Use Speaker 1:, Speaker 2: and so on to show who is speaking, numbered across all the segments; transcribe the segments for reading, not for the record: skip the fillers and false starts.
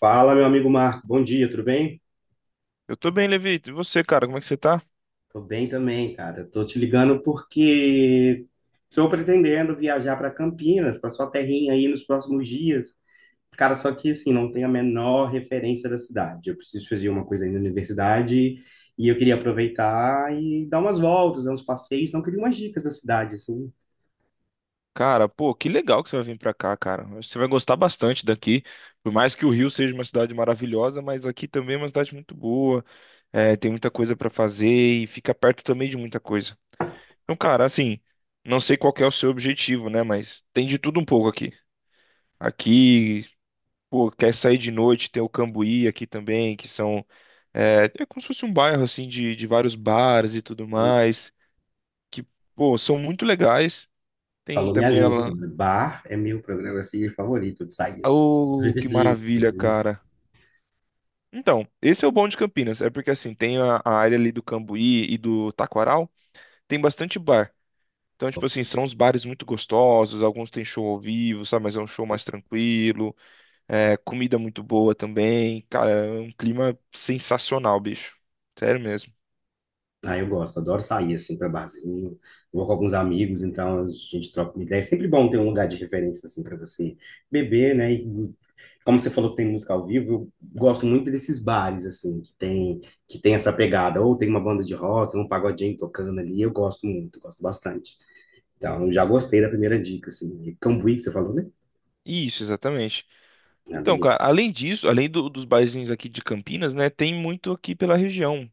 Speaker 1: Fala, meu amigo Marco. Bom dia, tudo bem?
Speaker 2: Eu tô bem, Levito. E você, cara, como é que você tá?
Speaker 1: Tô bem também, cara. Tô te ligando porque estou pretendendo viajar para Campinas, para sua terrinha aí nos próximos dias. Cara, só que assim, não tenho a menor referência da cidade. Eu preciso fazer uma coisa aí na universidade e eu queria aproveitar e dar umas voltas, dar uns passeios, não queria umas dicas da cidade, assim.
Speaker 2: Cara, pô, que legal que você vai vir pra cá, cara. Você vai gostar bastante daqui. Por mais que o Rio seja uma cidade maravilhosa, mas aqui também é uma cidade muito boa. É, tem muita coisa pra fazer e fica perto também de muita coisa. Então, cara, assim, não sei qual que é o seu objetivo, né? Mas tem de tudo um pouco aqui. Aqui, pô, quer sair de noite, tem o Cambuí aqui também, que são. É, é como se fosse um bairro, assim, de vários bares e tudo
Speaker 1: Hum,
Speaker 2: mais, que, pô, são muito legais. Tem
Speaker 1: Falou minha
Speaker 2: também
Speaker 1: língua,
Speaker 2: ela.
Speaker 1: né? Bar é meu programa assim, favorito de sair.
Speaker 2: Oh, que maravilha, cara. Então, esse é o bom de Campinas, é porque, assim, tem a área ali do Cambuí e do Taquaral, tem bastante bar. Então, tipo assim, são uns bares muito gostosos, alguns têm show ao vivo, sabe? Mas é um show mais tranquilo. É, comida muito boa também. Cara, é um clima sensacional, bicho. Sério mesmo.
Speaker 1: Ah, eu gosto, adoro sair assim para barzinho. Vou com alguns amigos, então a gente troca uma ideia. É sempre bom ter um lugar de referência assim para você beber, né? E, como você falou que tem música ao vivo, eu gosto muito desses bares assim que tem essa pegada, ou tem uma banda de rock, um pagodinho tocando ali. Eu gosto muito, gosto bastante. Então, eu já gostei da primeira dica assim. E Cambuí que você falou, né?
Speaker 2: Isso, exatamente.
Speaker 1: Ah,
Speaker 2: Então,
Speaker 1: beleza.
Speaker 2: cara, além disso, além dos barzinhos aqui de Campinas, né, tem muito aqui pela região.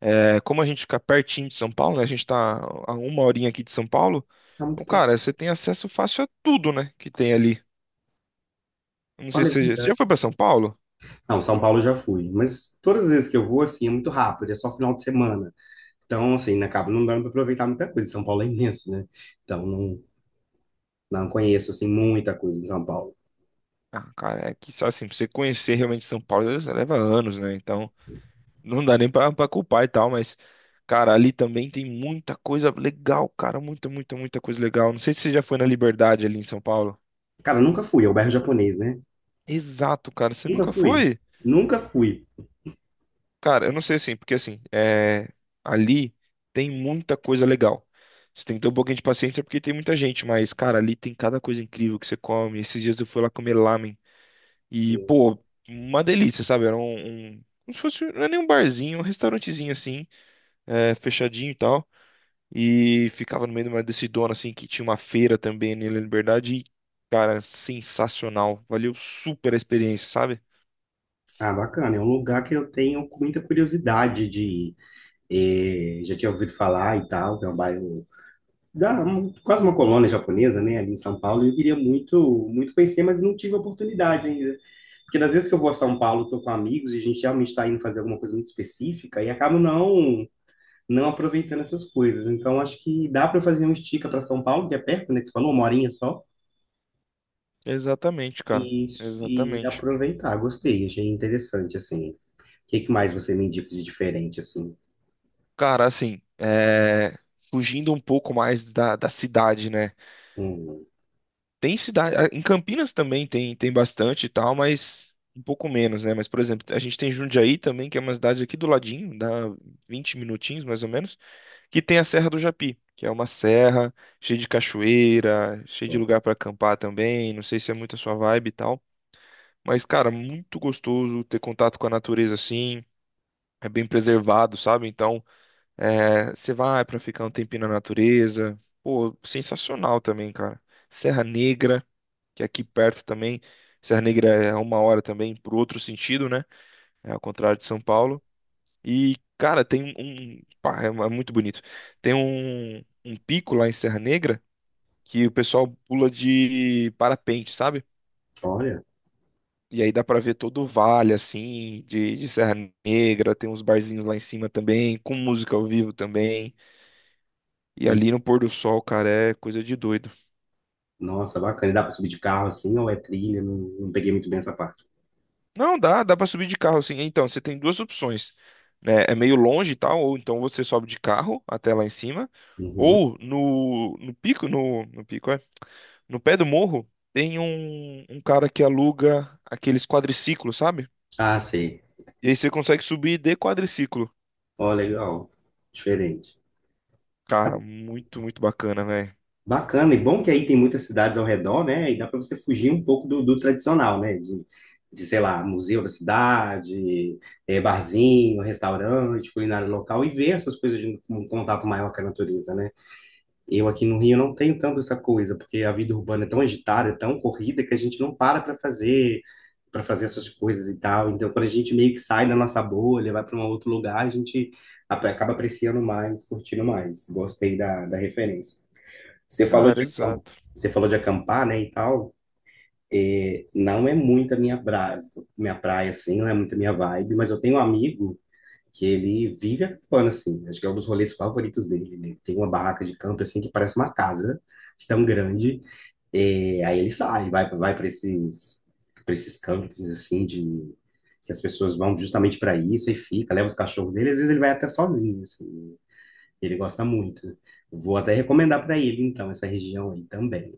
Speaker 2: É, como a gente fica pertinho de São Paulo, né, a gente tá a uma horinha aqui de São Paulo,
Speaker 1: Tá muito
Speaker 2: então,
Speaker 1: perto.
Speaker 2: cara, você tem acesso fácil a tudo, né, que tem ali. Não sei
Speaker 1: Olha,
Speaker 2: se
Speaker 1: é
Speaker 2: você já
Speaker 1: verdade.
Speaker 2: foi pra São Paulo?
Speaker 1: Não, São Paulo eu já fui, mas todas as vezes que eu vou assim é muito rápido, é só final de semana. Então, assim, acaba não dando para aproveitar muita coisa. São Paulo é imenso, né? Então, não, não conheço, assim, muita coisa em São Paulo.
Speaker 2: Ah, cara, é que, só assim, pra você conhecer realmente São Paulo, leva anos, né, então... Não dá nem pra culpar e tal, mas, cara, ali também tem muita coisa legal, cara. Muita, muita, muita coisa legal. Não sei se você já foi na Liberdade ali em São Paulo.
Speaker 1: Cara, nunca fui, é o bairro japonês, né?
Speaker 2: Exato, cara. Você
Speaker 1: Nunca
Speaker 2: nunca
Speaker 1: fui.
Speaker 2: foi?
Speaker 1: Nunca fui.
Speaker 2: Cara, eu não sei assim, porque assim, é... ali tem muita coisa legal. Você tem que ter um pouquinho de paciência porque tem muita gente, mas, cara, ali tem cada coisa incrível que você come. Esses dias eu fui lá comer lamen e, pô, uma delícia, sabe? Era um... Como se fosse, não é nem um barzinho, um restaurantezinho assim, é, fechadinho e tal. E ficava no meio de uma decidona, assim, que tinha uma feira também ali na Liberdade. E, cara, sensacional. Valeu super a experiência, sabe?
Speaker 1: Ah, bacana, é um lugar que eu tenho muita curiosidade de ir. Já tinha ouvido falar e tal, que é um bairro da, um- quase uma colônia japonesa, né, ali em São Paulo, e eu queria muito, muito conhecer, mas não tive oportunidade ainda. Porque das vezes que eu vou a São Paulo, tô com amigos e a gente realmente está indo fazer alguma coisa muito específica e acabo não aproveitando essas coisas. Então, acho que dá para fazer um estica para São Paulo, que é perto, né? Que você falou, uma horinha só,
Speaker 2: Exatamente, cara.
Speaker 1: e,
Speaker 2: Exatamente.
Speaker 1: aproveitar. Gostei, achei interessante, assim. O que, que mais você me indica de diferente, assim?
Speaker 2: Cara, assim, é, fugindo um pouco mais da cidade, né?
Speaker 1: Hum,
Speaker 2: Tem cidade. Em Campinas também tem, tem bastante e tal, mas um pouco menos, né? Mas, por exemplo, a gente tem Jundiaí também, que é uma cidade aqui do ladinho, dá 20 minutinhos mais ou menos. Que tem a Serra do Japi, que é uma serra cheia de cachoeira, cheia de lugar para acampar também. Não sei se é muito a sua vibe e tal, mas cara, muito gostoso ter contato com a natureza assim. É bem preservado, sabe? Então, é, você vai para ficar um tempinho na natureza. Pô, sensacional também, cara. Serra Negra, que é aqui perto também. Serra Negra é uma hora também, por outro sentido, né? É ao contrário de São Paulo. E, cara, tem um. Pá, é muito bonito. Tem um pico lá em Serra Negra que o pessoal pula de parapente, sabe?
Speaker 1: olha,
Speaker 2: E aí dá pra ver todo o vale, assim, de Serra Negra. Tem uns barzinhos lá em cima também, com música ao vivo também. E
Speaker 1: e,
Speaker 2: ali no pôr do sol, cara, é coisa de doido.
Speaker 1: nossa, bacana. E dá para subir de carro, assim, ou é trilha? Não, não peguei muito bem essa parte.
Speaker 2: Não, dá pra subir de carro, assim. Então, você tem duas opções, né? É meio longe e tal, ou então você sobe de carro até lá em cima.
Speaker 1: Uhum.
Speaker 2: Ou no pico, no pé do morro tem um cara que aluga aqueles quadriciclos, sabe?
Speaker 1: Ah, sei.
Speaker 2: E aí você consegue subir de quadriciclo.
Speaker 1: Ó, legal. Diferente.
Speaker 2: Cara, muito, muito bacana, velho.
Speaker 1: Bacana, e bom que aí tem muitas cidades ao redor, né? E dá para você fugir um pouco do tradicional, né? De, sei lá, museu da cidade, barzinho, restaurante, culinária local, e ver essas coisas de um contato maior com a natureza, né? Eu aqui no Rio não tenho tanto essa coisa, porque a vida urbana é tão agitada, é tão corrida, que a gente não para para fazer essas coisas e tal. Então, quando a gente meio que sai da nossa bolha, vai para um outro lugar, a gente acaba apreciando mais, curtindo mais. Gostei da, da referência. Você falou
Speaker 2: Cara,
Speaker 1: de acam-
Speaker 2: exato.
Speaker 1: Você falou de acampar, né, e tal. É, não é muito a minha praia, assim, não é muito a minha vibe, mas eu tenho um amigo que ele vive acampando, assim. Acho que é um dos rolês favoritos dele. Ele tem uma barraca de campo, assim, que parece uma casa, de tão grande. É, aí ele sai, vai para esses campos, assim, de... que as pessoas vão justamente para isso e fica, leva os cachorros dele. Às vezes ele vai até sozinho, assim. Ele gosta muito. Vou até recomendar para ele, então, essa região aí também.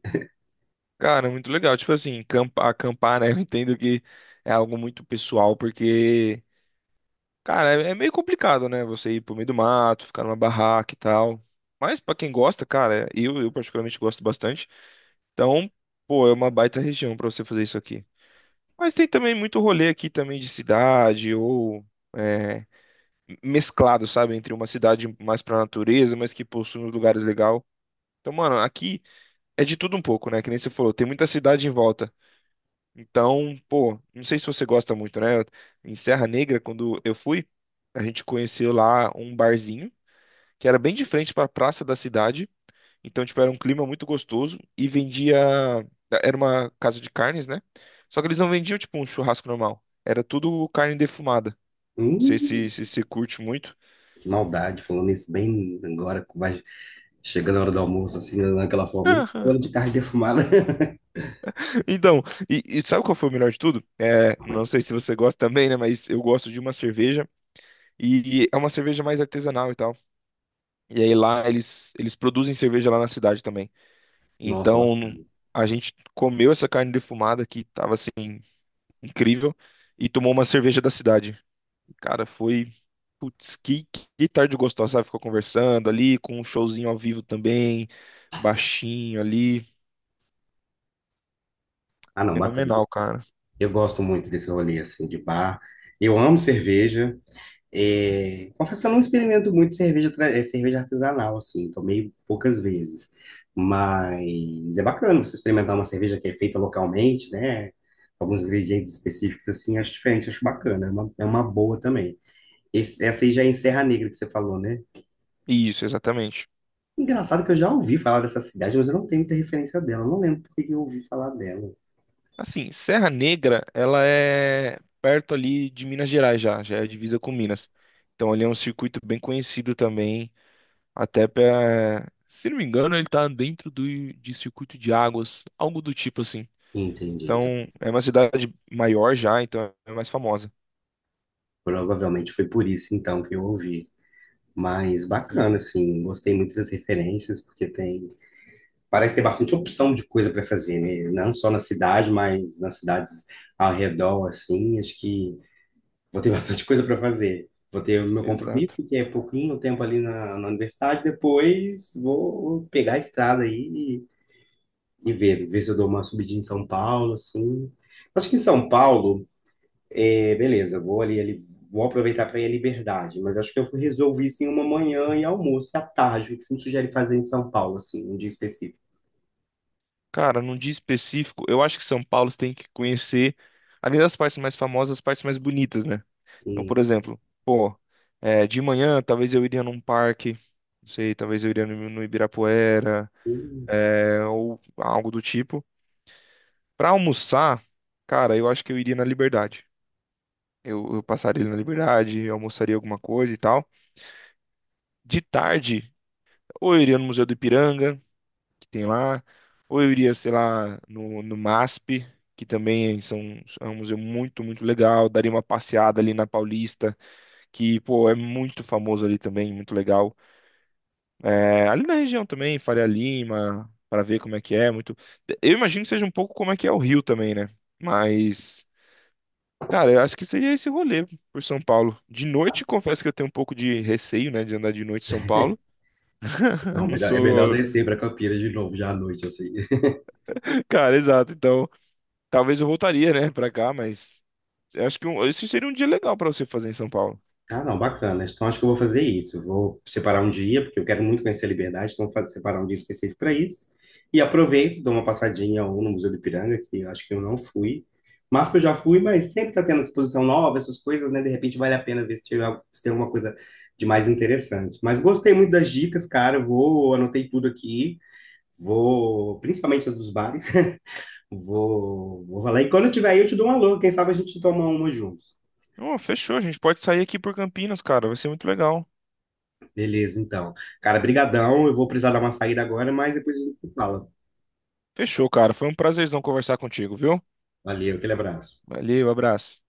Speaker 2: Cara, muito legal. Tipo assim, acampar, né? Eu entendo que é algo muito pessoal, porque, cara, é meio complicado, né? Você ir pro meio do mato, ficar numa barraca e tal. Mas pra quem gosta, cara, eu particularmente gosto bastante. Então, pô, é uma baita região pra você fazer isso aqui. Mas tem também muito rolê aqui também de cidade ou é, mesclado, sabe? Entre uma cidade mais pra natureza, mas que possui uns lugares legal. Então, mano, aqui é de tudo um pouco, né? Que nem você falou, tem muita cidade em volta. Então, pô, não sei se você gosta muito, né? Em Serra Negra, quando eu fui, a gente conheceu lá um barzinho que era bem de frente pra praça da cidade. Então, tipo, era um clima muito gostoso e vendia. Era uma casa de carnes, né? Só que eles não vendiam, tipo, um churrasco normal. Era tudo carne defumada. Não sei se
Speaker 1: Hum,
Speaker 2: você curte muito.
Speaker 1: que maldade, falando isso bem agora, vai chegando a hora do almoço, assim, naquela forma, isso, falando de carne defumada.
Speaker 2: Então, e sabe qual foi o melhor de tudo? É, não sei se você gosta também, né? Mas eu gosto de uma cerveja e é uma cerveja mais artesanal e tal. E aí lá eles produzem cerveja lá na cidade também.
Speaker 1: Nossa, ba-
Speaker 2: Então, a gente comeu essa carne defumada que tava assim, incrível e tomou uma cerveja da cidade. Cara, foi. Putz, que tarde gostosa, sabe? Ficou conversando ali, com um showzinho ao vivo também, baixinho ali.
Speaker 1: ah não, bacana.
Speaker 2: Fenomenal, cara.
Speaker 1: Eu gosto muito desse rolê, assim, de bar. Eu amo cerveja. É, confesso que eu não experimento muito cerveja, tra- é, cerveja artesanal, assim, tomei poucas vezes. Mas é bacana você experimentar uma cerveja que é feita localmente, né? Alguns ingredientes específicos, assim, acho diferente, acho bacana. É uma boa também. Esse- essa aí já é em Serra Negra que você falou, né?
Speaker 2: Isso, exatamente.
Speaker 1: Engraçado que eu já ouvi falar dessa cidade, mas eu não tenho muita referência dela. Eu não lembro por que que eu ouvi falar dela.
Speaker 2: Assim, Serra Negra, ela é perto ali de Minas Gerais já, já é divisa com Minas. Então ali é um circuito bem conhecido também, até pra, se não me engano, ele tá dentro do, de circuito de águas, algo do tipo assim.
Speaker 1: Entendi, então.
Speaker 2: Então, é uma cidade maior já, então é mais famosa.
Speaker 1: Provavelmente foi por isso, então, que eu ouvi. Mas
Speaker 2: Sim.
Speaker 1: bacana, assim. Gostei muito das referências, porque tem... parece ter bastante opção de coisa para fazer, né? Não só na cidade, mas nas cidades ao redor, assim. Acho que vou ter bastante coisa para fazer. Vou ter o meu
Speaker 2: Exato.
Speaker 1: compromisso, que é pouquinho tempo ali na, na universidade. Depois vou pegar a estrada aí e ver, ver se eu dou uma subidinha em São Paulo, assim. Acho que em São Paulo, é, beleza, vou ali, ali- vou aproveitar para ir à Liberdade, mas acho que eu resolvi sim uma manhã e almoço e à tarde, o que você me sugere fazer em São Paulo, assim, um dia específico.
Speaker 2: Cara, num dia específico, eu acho que São Paulo você tem que conhecer, além das partes mais famosas, as partes mais bonitas, né? Então,
Speaker 1: Hum,
Speaker 2: por exemplo, pô, é, de manhã talvez eu iria num parque, não sei, talvez eu iria no Ibirapuera,
Speaker 1: hum.
Speaker 2: é, ou algo do tipo. Pra almoçar, cara, eu acho que eu iria na Liberdade. Eu passaria na Liberdade, eu almoçaria alguma coisa e tal. De tarde, ou eu iria no Museu do Ipiranga, que tem lá, ou eu iria, sei lá, no MASP, que também são, é um museu muito, muito legal, daria uma passeada ali na Paulista, que, pô, é muito famoso ali também, muito legal. É, ali na região também, Faria Lima, para ver como é que é, muito... Eu imagino que seja um pouco como é que é o Rio também, né? Mas... Cara, eu acho que seria esse rolê por São Paulo. De noite, confesso que eu tenho um pouco de receio, né, de andar de noite em São Paulo.
Speaker 1: Não,
Speaker 2: Não
Speaker 1: melhor, é melhor
Speaker 2: sou.
Speaker 1: descer para Campinas de novo já à noite, assim.
Speaker 2: Cara, exato. Então, talvez eu voltaria, né, pra cá, mas eu acho que esse seria um dia legal pra você fazer em São Paulo.
Speaker 1: Ah, não, bacana. Então acho que eu vou fazer isso. Eu vou separar um dia, porque eu quero muito conhecer a Liberdade, então separar um dia específico para isso. E aproveito, dou uma passadinha ou no Museu do Ipiranga, que eu acho que eu não fui. Mas que eu já fui, mas sempre está tendo exposição nova, essas coisas, né? De repente vale a pena ver se, tiver, se tem alguma coisa de mais interessante. Mas gostei muito das dicas, cara. Eu vou, anotei tudo aqui. Vou, principalmente as dos bares. Vou falar. E quando eu tiver aí, eu te dou um alô. Quem sabe a gente toma uma junto.
Speaker 2: Oh, fechou, a gente pode sair aqui por Campinas, cara, vai ser muito legal.
Speaker 1: Beleza, então. Cara, brigadão. Eu vou precisar dar uma saída agora, mas depois a gente se fala.
Speaker 2: Fechou, cara, foi um prazerzão conversar contigo, viu?
Speaker 1: Valeu, aquele abraço.
Speaker 2: Valeu, abraço.